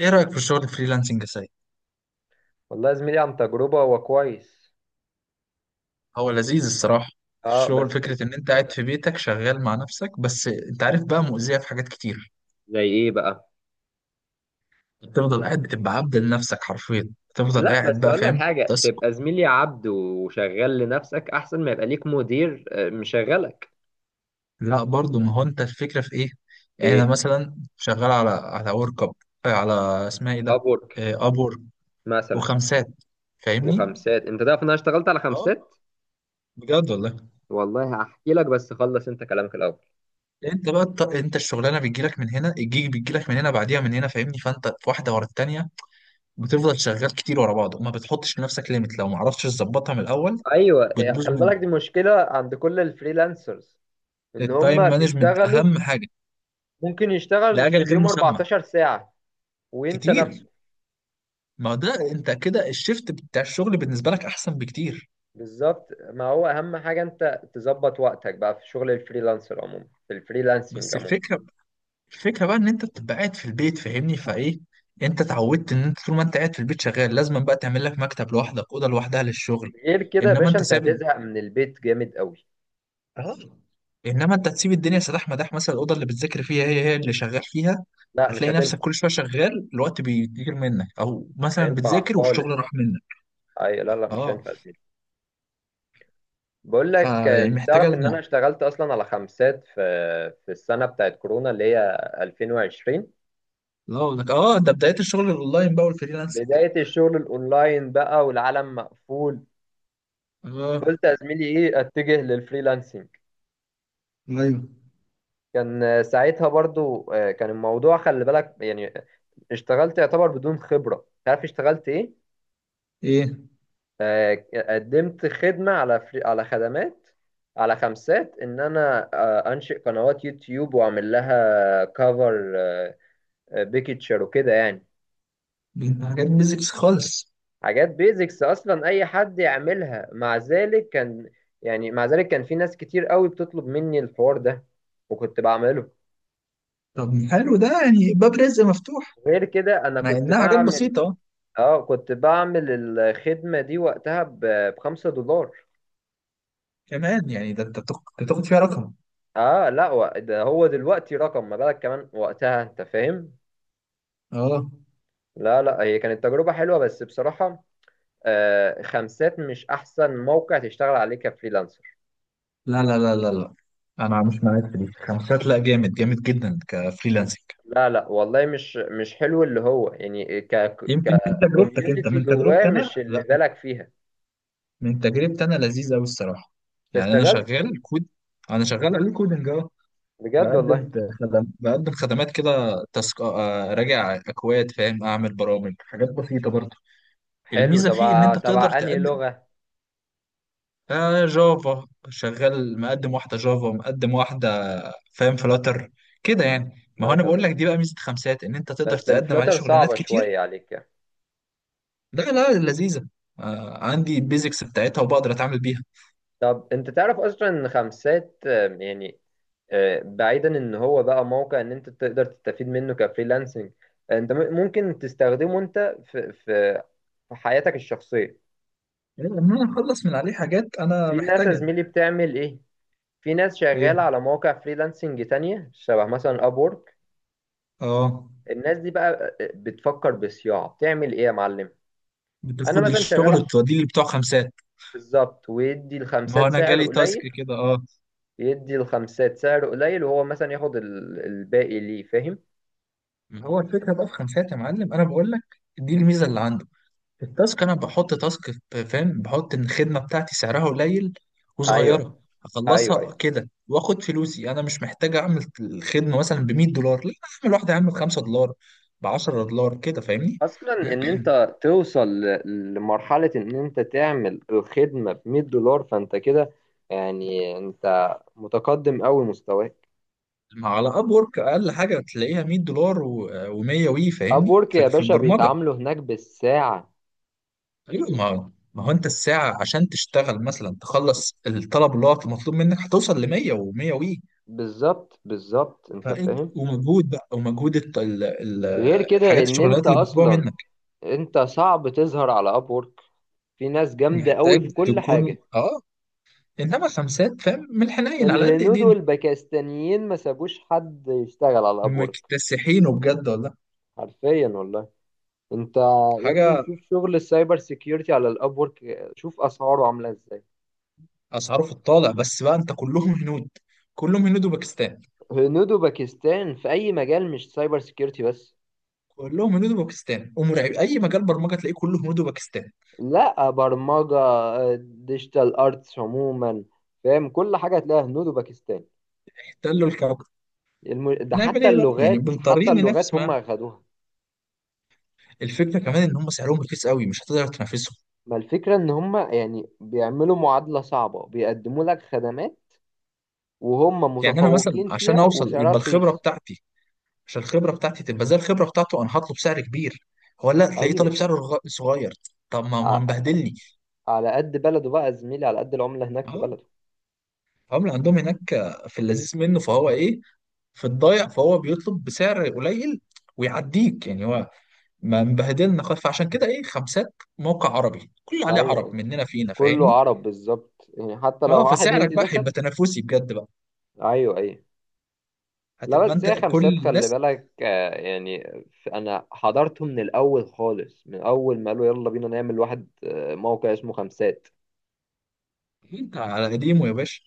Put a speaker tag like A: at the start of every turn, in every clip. A: ايه رأيك في الشغل الفريلانسنج يا سيد؟
B: والله يا زميلي، عن تجربة هو كويس.
A: هو لذيذ الصراحة. في
B: اه
A: الشغل
B: بس في...
A: فكرة ان انت قاعد في بيتك شغال مع نفسك، بس انت عارف بقى مؤذية في حاجات كتير.
B: زي ايه بقى؟
A: بتفضل قاعد، بتبقى عبد لنفسك حرفيا، بتفضل
B: لا،
A: قاعد
B: بس
A: بقى،
B: اقول لك
A: فاهم،
B: حاجه.
A: تسكت.
B: تبقى زميلي عبد وشغال لنفسك احسن ما يبقى ليك مدير، مشغلك.
A: لا برضو، ما هو انت الفكرة في ايه؟ يعني انا
B: ايه،
A: مثلا شغال على ورك اب، على، اسمها ايه ده؟
B: ابورك
A: ابور
B: مثلا
A: وخمسات، فاهمني؟
B: وخمسات. انت تعرف ان انا اشتغلت على
A: اه،
B: خمسات.
A: بجد والله.
B: والله هحكي لك، بس خلص انت كلامك الاول.
A: انت بقى انت الشغلانه بتجيلك من هنا، الجيج بيجيلك من هنا بعديها من هنا، فاهمني، فانت في واحده ورا التانيه. بتفضل شغال كتير ورا بعض وما بتحطش لنفسك ليميت، لو ما عرفتش تظبطها من الاول
B: ايوه،
A: بتبوظ
B: خلي
A: منك.
B: بالك دي مشكله عند كل الفريلانسرز، ان
A: التايم
B: هم
A: مانجمنت
B: بيشتغلوا.
A: اهم حاجه،
B: ممكن يشتغل في
A: لاجل غير
B: اليوم
A: مسمى،
B: 14 ساعه وينسى
A: كتير.
B: نفسه.
A: ما ده انت كده الشيفت بتاع الشغل بالنسبه لك احسن بكتير.
B: بالظبط، ما هو اهم حاجه انت تظبط وقتك بقى في شغل الفريلانسر عموما، في الفريلانسنج
A: بس
B: عموما.
A: الفكره، الفكره بقى ان انت بتبقى قاعد في البيت، فاهمني، فايه، انت اتعودت ان انت طول ما انت قاعد في البيت شغال، لازم بقى تعمل لك مكتب لوحدك، اوضه لوحدها للشغل.
B: غير كده يا
A: انما
B: باشا،
A: انت
B: انت
A: ثابت.
B: هتزهق من البيت جامد قوي.
A: اه. انما انت هتسيب الدنيا سداح مداح، مثلا الاوضه اللي بتذاكر فيها هي هي اللي شغال فيها،
B: لا، مش
A: هتلاقي
B: هتنفع.
A: نفسك كل شويه شغال الوقت بيطير منك، او
B: مش
A: مثلا
B: هينفع
A: بتذاكر والشغل
B: خالص.
A: راح منك.
B: اي، لا لا، مش
A: اه،
B: هينفع يا زميلي. بقول لك،
A: فيعني محتاجه
B: تعرف ان انا
A: الموضوع.
B: اشتغلت اصلا على خمسات في السنه بتاعت كورونا اللي هي 2020.
A: لا أقول لك، اه، ده بدايه الشغل الاونلاين بقى والفريلانسنج.
B: بدايه الشغل الاونلاين بقى والعالم مقفول.
A: اه،
B: قلت يا زميلي، ايه، اتجه للفريلانسنج.
A: ايوه،
B: كان ساعتها برضو كان الموضوع خلي بالك يعني. اشتغلت يعتبر بدون خبرة. تعرف اشتغلت ايه؟
A: ايه،
B: قدمت خدمة على على خدمات، على خمسات، ان انا انشئ قنوات يوتيوب واعمل لها كفر بيكتشر وكده يعني.
A: دي حاجات بيزكس خالص.
B: حاجات بيزكس، اصلا اي حد يعملها، مع ذلك كان، يعني مع ذلك كان في ناس كتير قوي بتطلب مني الحوار ده وكنت بعمله.
A: طب حلو، ده يعني باب رزق مفتوح،
B: غير كده انا
A: مع
B: كنت
A: انها حاجات
B: بعمل.
A: بسيطه.
B: اه كنت بعمل الخدمة دي وقتها بخمسة دولار.
A: كمان يعني، ده انت بتاخد فيها رقم.
B: اه، لا، هو ده هو دلوقتي رقم، ما بالك كمان وقتها، انت فاهم.
A: اه.
B: لا لا، هي كانت تجربة حلوة بس بصراحة خمسات مش احسن موقع تشتغل عليه كفريلانسر.
A: لا لا لا لا لا، انا مش معاك في دي. خمسات لا، جامد جامد جدا كفريلانسنج.
B: لا لا، والله، مش حلو اللي هو يعني
A: يمكن من تجربتك انت،
B: ككوميونتي
A: من
B: جواه،
A: تجربتي انا
B: مش اللي
A: لا.
B: بالك فيها.
A: من تجربتي انا لذيذ قوي الصراحه.
B: انت
A: يعني انا
B: اشتغلت؟
A: شغال كود، انا شغال عليه كودنج اهو.
B: بجد
A: بقدم
B: والله.
A: خدم، بقدم خدمات كده، تسك، راجع اكواد، فاهم، اعمل برامج، حاجات بسيطه برضه.
B: حلو،
A: الميزه فيه ان
B: تبع
A: انت بتقدر
B: تبع انهي
A: تقدم.
B: لغة؟
A: آه، جافا، شغال مقدم واحدة جافا، مقدم واحدة، فاهم، فلاتر كده يعني. ما هو أنا
B: فلاتر
A: بقول لك،
B: بس.
A: دي بقى ميزة خمسات، إن أنت تقدر
B: بس
A: تقدم عليه
B: الفلاتر
A: شغلانات
B: صعبة شوية
A: كتير.
B: عليك يعني.
A: لا لا، لذيذة. آه، عندي البيزكس بتاعتها وبقدر أتعامل بيها.
B: طب، انت تعرف اصلا ان خمسات يعني، بعيدا ان هو بقى موقع ان انت تقدر تستفيد منه كفريلانسنج، انت ممكن تستخدمه انت في حياتك الشخصيه.
A: إيه، إن أنا أخلص من عليه حاجات أنا
B: في ناس يا
A: محتاجها.
B: زميلي بتعمل ايه. في ناس شغاله
A: إيه.
B: على مواقع فريلانسنج تانية شبه مثلا ابورك.
A: آه.
B: الناس دي بقى بتفكر بصياعه، بتعمل ايه يا معلم. انا
A: بتاخد
B: مثلا
A: الشغل
B: شغال.
A: وتوديه اللي بتوع خمسات.
B: بالظبط، ويدي
A: ما هو
B: الخمسات
A: أنا
B: سعر
A: جالي تاسك
B: قليل.
A: كده، آه.
B: يدي الخمسات سعر قليل، وهو مثلا ياخد الباقي، ليه، فاهم؟
A: ما هو الفكرة بقى في خمسات يا معلم، أنا بقول لك دي الميزة اللي عندي، التاسك. انا بحط تاسك فاهم، بحط ان الخدمه بتاعتي سعرها قليل
B: ايوه،
A: وصغيره،
B: ايوه، أيوه.
A: اخلصها كده واخد فلوسي. انا مش محتاج اعمل الخدمه مثلا ب $100، لا، اعمل واحده، اعمل $5، ب $10 كده، فاهمني.
B: اصلا ان انت توصل لمرحله ان انت تعمل الخدمه ب $100، فانت كده يعني انت متقدم قوي مستواك.
A: ما على اب ورك اقل حاجه تلاقيها $100 و100 وي،
B: اب
A: فاهمني،
B: وورك
A: في
B: يا
A: في
B: باشا
A: البرمجه.
B: بيتعاملوا هناك بالساعه.
A: ايوه، ما هو انت الساعه عشان تشتغل مثلا تخلص الطلب اللي هو مطلوب منك هتوصل ل 100 و100 وي،
B: بالظبط، بالظبط، انت
A: فانت
B: فاهم.
A: ومجهود بقى، ومجهود
B: غير كده
A: الحاجات،
B: ان
A: الشغلات
B: انت
A: اللي بيطلبوها
B: اصلا
A: منك،
B: انت صعب تظهر على اب وورك. في ناس جامده قوي
A: محتاج
B: في كل
A: تكون،
B: حاجه.
A: اه. انما خمسات، فاهم، من الحنين على قد
B: الهنود
A: ايدينا.
B: والباكستانيين ما سابوش حد يشتغل على اب وورك.
A: مكتسحينه بجد والله،
B: حرفيا والله. انت يا ابني،
A: حاجه.
B: شوف شغل السايبر سيكيورتي على الاب وورك. شوف اسعاره عامله ازاي.
A: اسعاره في الطالع، بس بقى انت كلهم هنود، كلهم هنود وباكستان.
B: هنود وباكستان في اي مجال، مش سايبر سيكيورتي بس.
A: كلهم هنود وباكستان ومرعب، اي مجال برمجه تلاقيه كله هنود وباكستان.
B: لا، برمجه، ديجيتال ارتس عموما. فاهم؟ كل حاجه هتلاقيها هنود وباكستان.
A: احتلوا الكوكب.
B: ده
A: نعمل
B: حتى
A: ايه بقى يعني،
B: اللغات، حتى
A: بنضطرين
B: اللغات
A: ننافس
B: هم
A: معاهم.
B: اخدوها.
A: الفكره كمان ان هم سعرهم رخيص قوي مش هتقدر تنافسهم.
B: ما الفكره ان هم يعني بيعملوا معادله صعبه، بيقدموا لك خدمات وهم
A: يعني انا مثلا
B: متفوقين
A: عشان
B: فيها
A: اوصل
B: وسعرها
A: يبقى الخبره
B: رخيص.
A: بتاعتي، عشان الخبره بتاعتي تبقى زي الخبره بتاعته، انا هطلب سعر كبير، هو لا تلاقيه
B: ايوه،
A: طالب سعر صغير. طب ما هو
B: ع-
A: مبهدلني.
B: على قد بلده بقى يا زميلي، على قد العمله هناك في
A: اه،
B: بلده.
A: هم عندهم هناك في اللذيذ منه فهو ايه، في الضايع فهو بيطلب بسعر قليل ويعديك. يعني هو ما مبهدلنا خالص، فعشان كده ايه، خمسات موقع عربي كله عليه
B: ايوه،
A: عرب
B: ايوه،
A: مننا فينا،
B: كله
A: فاهمني.
B: عرب بالظبط، يعني حتى لو
A: اه،
B: واحد
A: فسعرك
B: هندي
A: بقى
B: دخل.
A: هيبقى تنافسي بجد بقى،
B: ايوه، ايوه. لا،
A: هتبقى
B: بس
A: انت
B: هي
A: كل
B: خمسات خلي
A: الناس.
B: بالك يعني، انا حضرته من الاول خالص، من اول ما قالوا يلا بينا نعمل واحد، موقع اسمه خمسات.
A: انت على قديمه يا باشا.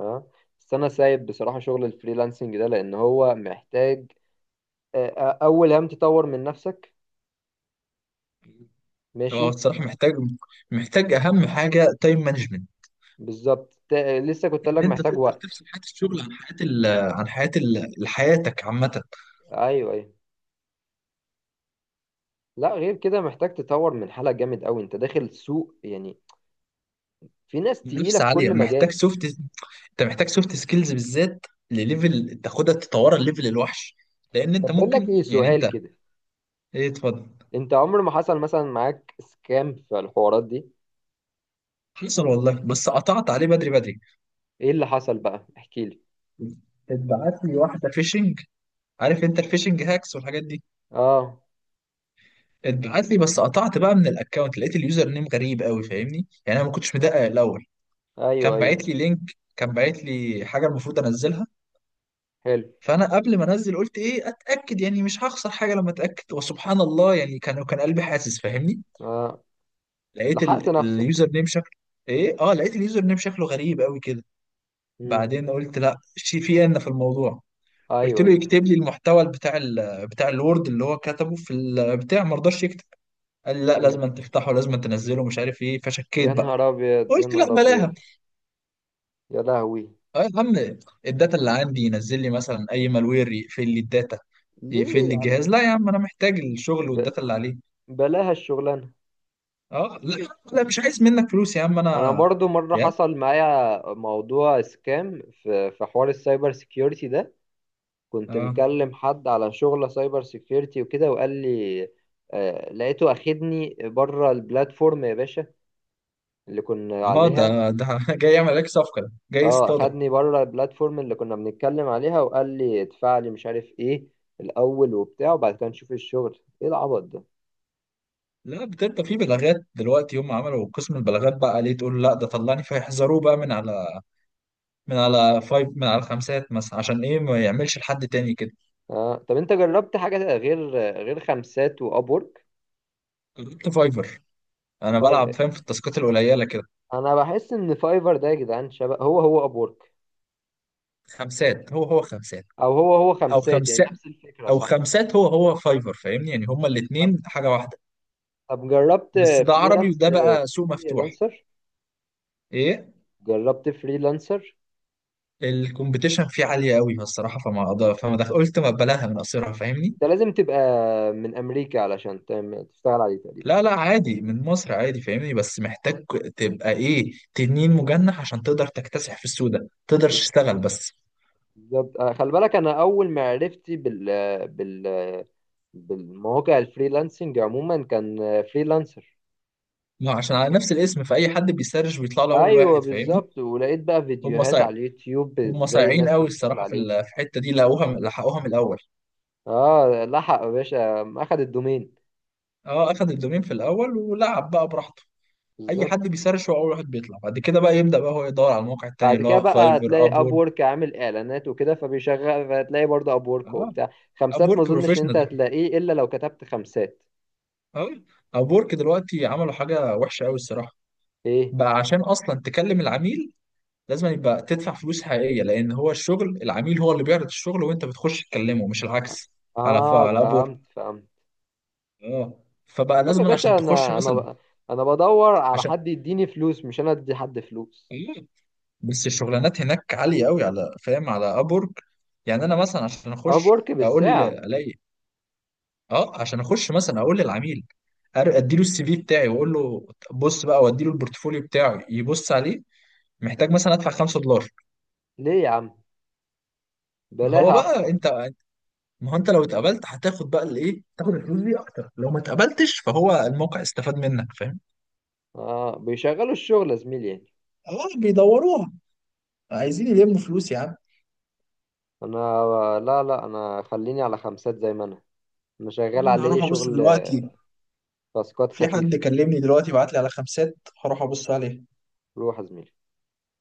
B: ها. بس انا سايب بصراحة شغل الفريلانسنج ده، لان هو محتاج اول هم تطور من نفسك.
A: هو
B: ماشي.
A: الصراحه محتاج، محتاج اهم حاجه تايم مانجمنت،
B: بالظبط، لسه كنت قايل
A: ان
B: لك
A: انت
B: محتاج
A: تقدر
B: وقت.
A: تفصل حياه الشغل عن حياه عن حياه حياتك عامه.
B: ايوه، ايوه. لا، غير كده محتاج تطور من حالك جامد قوي. انت داخل سوق، يعني في ناس تقيلة
A: منافسه
B: في
A: عاليه،
B: كل
A: محتاج
B: مجال.
A: سوفت، انت محتاج سوفت سكيلز بالذات لليفل تاخدها تطورها الليفل الوحش، لان انت
B: طب بقول لك
A: ممكن
B: ايه،
A: يعني
B: سؤال
A: انت.
B: كده.
A: ايه، اتفضل.
B: انت عمر ما حصل مثلا معاك سكام في الحوارات دي؟
A: حصل والله، بس قطعت عليه بدري بدري.
B: ايه اللي حصل بقى، احكي لي.
A: اتبعت لي واحده فيشنج، عارف انت الفيشنج هاكس والحاجات دي.
B: اه.
A: اتبعت لي بس قطعت بقى من الاكونت، لقيت اليوزر نيم غريب قوي فاهمني، يعني انا ما كنتش مدقق الاول.
B: ايوه،
A: كان
B: ايوه.
A: باعت لي لينك، كان باعت لي حاجه المفروض انزلها،
B: حلو.
A: فانا قبل ما انزل قلت ايه اتاكد، يعني مش هخسر حاجه لما اتاكد، وسبحان الله يعني كان قلبي حاسس فاهمني.
B: آه.
A: لقيت
B: لحقت نفسك.
A: اليوزر نيم شكله. ايه، اه، لقيت اليوزر نيم شكله غريب قوي كده.
B: مم.
A: بعدين قلت لا، شي في، ان في الموضوع. قلت
B: ايوه،
A: له
B: ايوه.
A: يكتب لي المحتوى بتاع ال بتاع الوورد اللي هو كتبه في البتاع، ما رضاش يكتب، قال لي لا
B: مم.
A: لازم أن تفتحه، لازم أن تنزله، مش عارف ايه، فشكيت
B: يا
A: بقى.
B: نهار ابيض، يا
A: قلت لا
B: نهار ابيض.
A: بلاها.
B: يا لهوي.
A: اه يا عم، الداتا اللي عندي، ينزل لي مثلا اي مالوير يقفل لي الداتا، يقفل
B: ليه،
A: لي
B: على
A: الجهاز، لا يا
B: ايه؟
A: عم انا محتاج الشغل
B: ب...
A: والداتا اللي عليه.
B: بلاها الشغلانه.
A: اه لا لا، مش عايز منك فلوس يا عم
B: انا
A: انا.
B: برضو مره
A: يا،
B: حصل معايا موضوع سكام في حوار السايبر سيكيورتي ده. كنت
A: اه.
B: مكلم حد على شغلة سايبر سيكيورتي وكده، وقال لي لقيته أخدني بره البلاتفورم يا باشا، اللي كنا
A: اه
B: عليها.
A: ده جاي يعمل عليك صفقه، ده جاي
B: اه
A: يصطادك.
B: أخدني بره البلاتفورم اللي كنا بنتكلم عليها، وقال لي ادفع لي مش عارف ايه الأول وبتاع، وبعد كده نشوف الشغل. ايه العبط ده؟
A: لا بتبقى في بلاغات دلوقتي، هم عملوا قسم البلاغات بقى، ليه تقول لا ده طلعني، فيحذروه بقى من على من على فايف، من على خمسات مثلا، عشان ايه ما يعملش لحد تاني كده.
B: طب انت جربت حاجة غير خمسات وأبورك؟
A: جربت فايفر، انا
B: فايف
A: بلعب فاهم في التاسكات القليله كده.
B: أنا بحس إن فايفر ده يا جدعان شبه هو هو أبورك،
A: خمسات هو هو خمسات،
B: أو هو هو
A: او
B: خمسات. يعني
A: خمسات،
B: نفس الفكرة،
A: او
B: صح؟
A: خمسات هو هو فايفر، فاهمني يعني هما الاثنين حاجه واحده.
B: طب جربت
A: بس ده عربي
B: فريلانس
A: وده بقى سوق مفتوح.
B: فريلانسر؟
A: ايه،
B: جربت فريلانسر؟
A: الكومبيتيشن فيه عالية قوي الصراحة فما أقدر، فما دخل قلت ما بلاها من قصيرها فاهمني.
B: انت لازم تبقى من امريكا علشان تشتغل عليه تقريبا.
A: لا لا، عادي من مصر عادي فاهمني، بس محتاج تبقى إيه، تنين مجنح عشان تقدر تكتسح في السوق ده، تقدرش تشتغل بس.
B: بالظبط، خلي بالك انا اول ما عرفتي بال بالمواقع الفريلانسنج عموما، كان فريلانسر.
A: ما عشان على نفس الاسم، فأي حد بيسرش بيطلع له أول
B: ايوه
A: واحد فاهمني.
B: بالظبط، ولقيت بقى
A: هم
B: فيديوهات
A: صايع،
B: على اليوتيوب
A: هم
B: ازاي
A: صايعين
B: الناس
A: قوي
B: تشتغل
A: الصراحة
B: عليه.
A: في الحتة دي، لقوها لحقوها من الأول.
B: اه، لحق يا باشا، اخد الدومين.
A: أه، أخد الدومين في الأول ولعب بقى براحته. أي
B: بالظبط.
A: حد بيسرش هو أول واحد بيطلع، بعد كده بقى يبدأ بقى هو يدور على المواقع التانية
B: بعد
A: اللي
B: كده
A: هو
B: بقى
A: فايفر
B: هتلاقي اب
A: أبور.
B: وورك عامل اعلانات وكده فبيشغل، فهتلاقي برضه اب وورك
A: أه،
B: وبتاع. خمسات ما
A: ابورك
B: اظنش ان انت
A: بروفيشنال
B: هتلاقيه الا لو كتبت خمسات.
A: أوي. أبورك دلوقتي عملوا حاجة وحشة أوي الصراحة،
B: ايه.
A: بقى عشان أصلا تكلم العميل لازم يبقى تدفع فلوس حقيقية، لأن هو الشغل العميل هو اللي بيعرض الشغل وأنت بتخش تكلمه مش العكس. على
B: اه،
A: على أبورك.
B: فهمت، فهمت.
A: أه، فبقى
B: طب يا
A: لازم عشان
B: باشا
A: تخش
B: انا
A: مثلا،
B: انا بدور على
A: عشان
B: حد يديني فلوس، مش انا ادي حد فلوس.
A: إيه؟ بس الشغلانات هناك عالية أوي، على فاهم على أبورك. يعني أنا مثلا عشان
B: اب
A: أخش
B: وورك
A: أقول
B: بالساعة.
A: ألاقي. أه، عشان أخش مثلا أقول للعميل، اديله السي في بتاعي واقول له بص بقى، واديله البورتفوليو بتاعي يبص عليه، محتاج مثلا ادفع $5.
B: ليه يا عم،
A: ما هو
B: بلاها احسن.
A: بقى انت، ما هو انت لو اتقبلت هتاخد بقى الايه، تاخد الفلوس دي اكتر، لو ما اتقبلتش فهو الموقع استفاد منك، فاهم.
B: اه، بيشغلوا الشغل يا زميلي يعني.
A: اه، بيدوروها، عايزين يلموا فلوس يا عم.
B: انا، لا لا، انا خليني على خمسات زي ما انا. انا شغال
A: انا
B: عليه
A: هروح ابص
B: شغل،
A: دلوقتي،
B: تاسكات
A: في حد
B: خفيفة.
A: كلمني دلوقتي بعت لي على خمسات، هروح ابص عليها.
B: روح يا زميلي.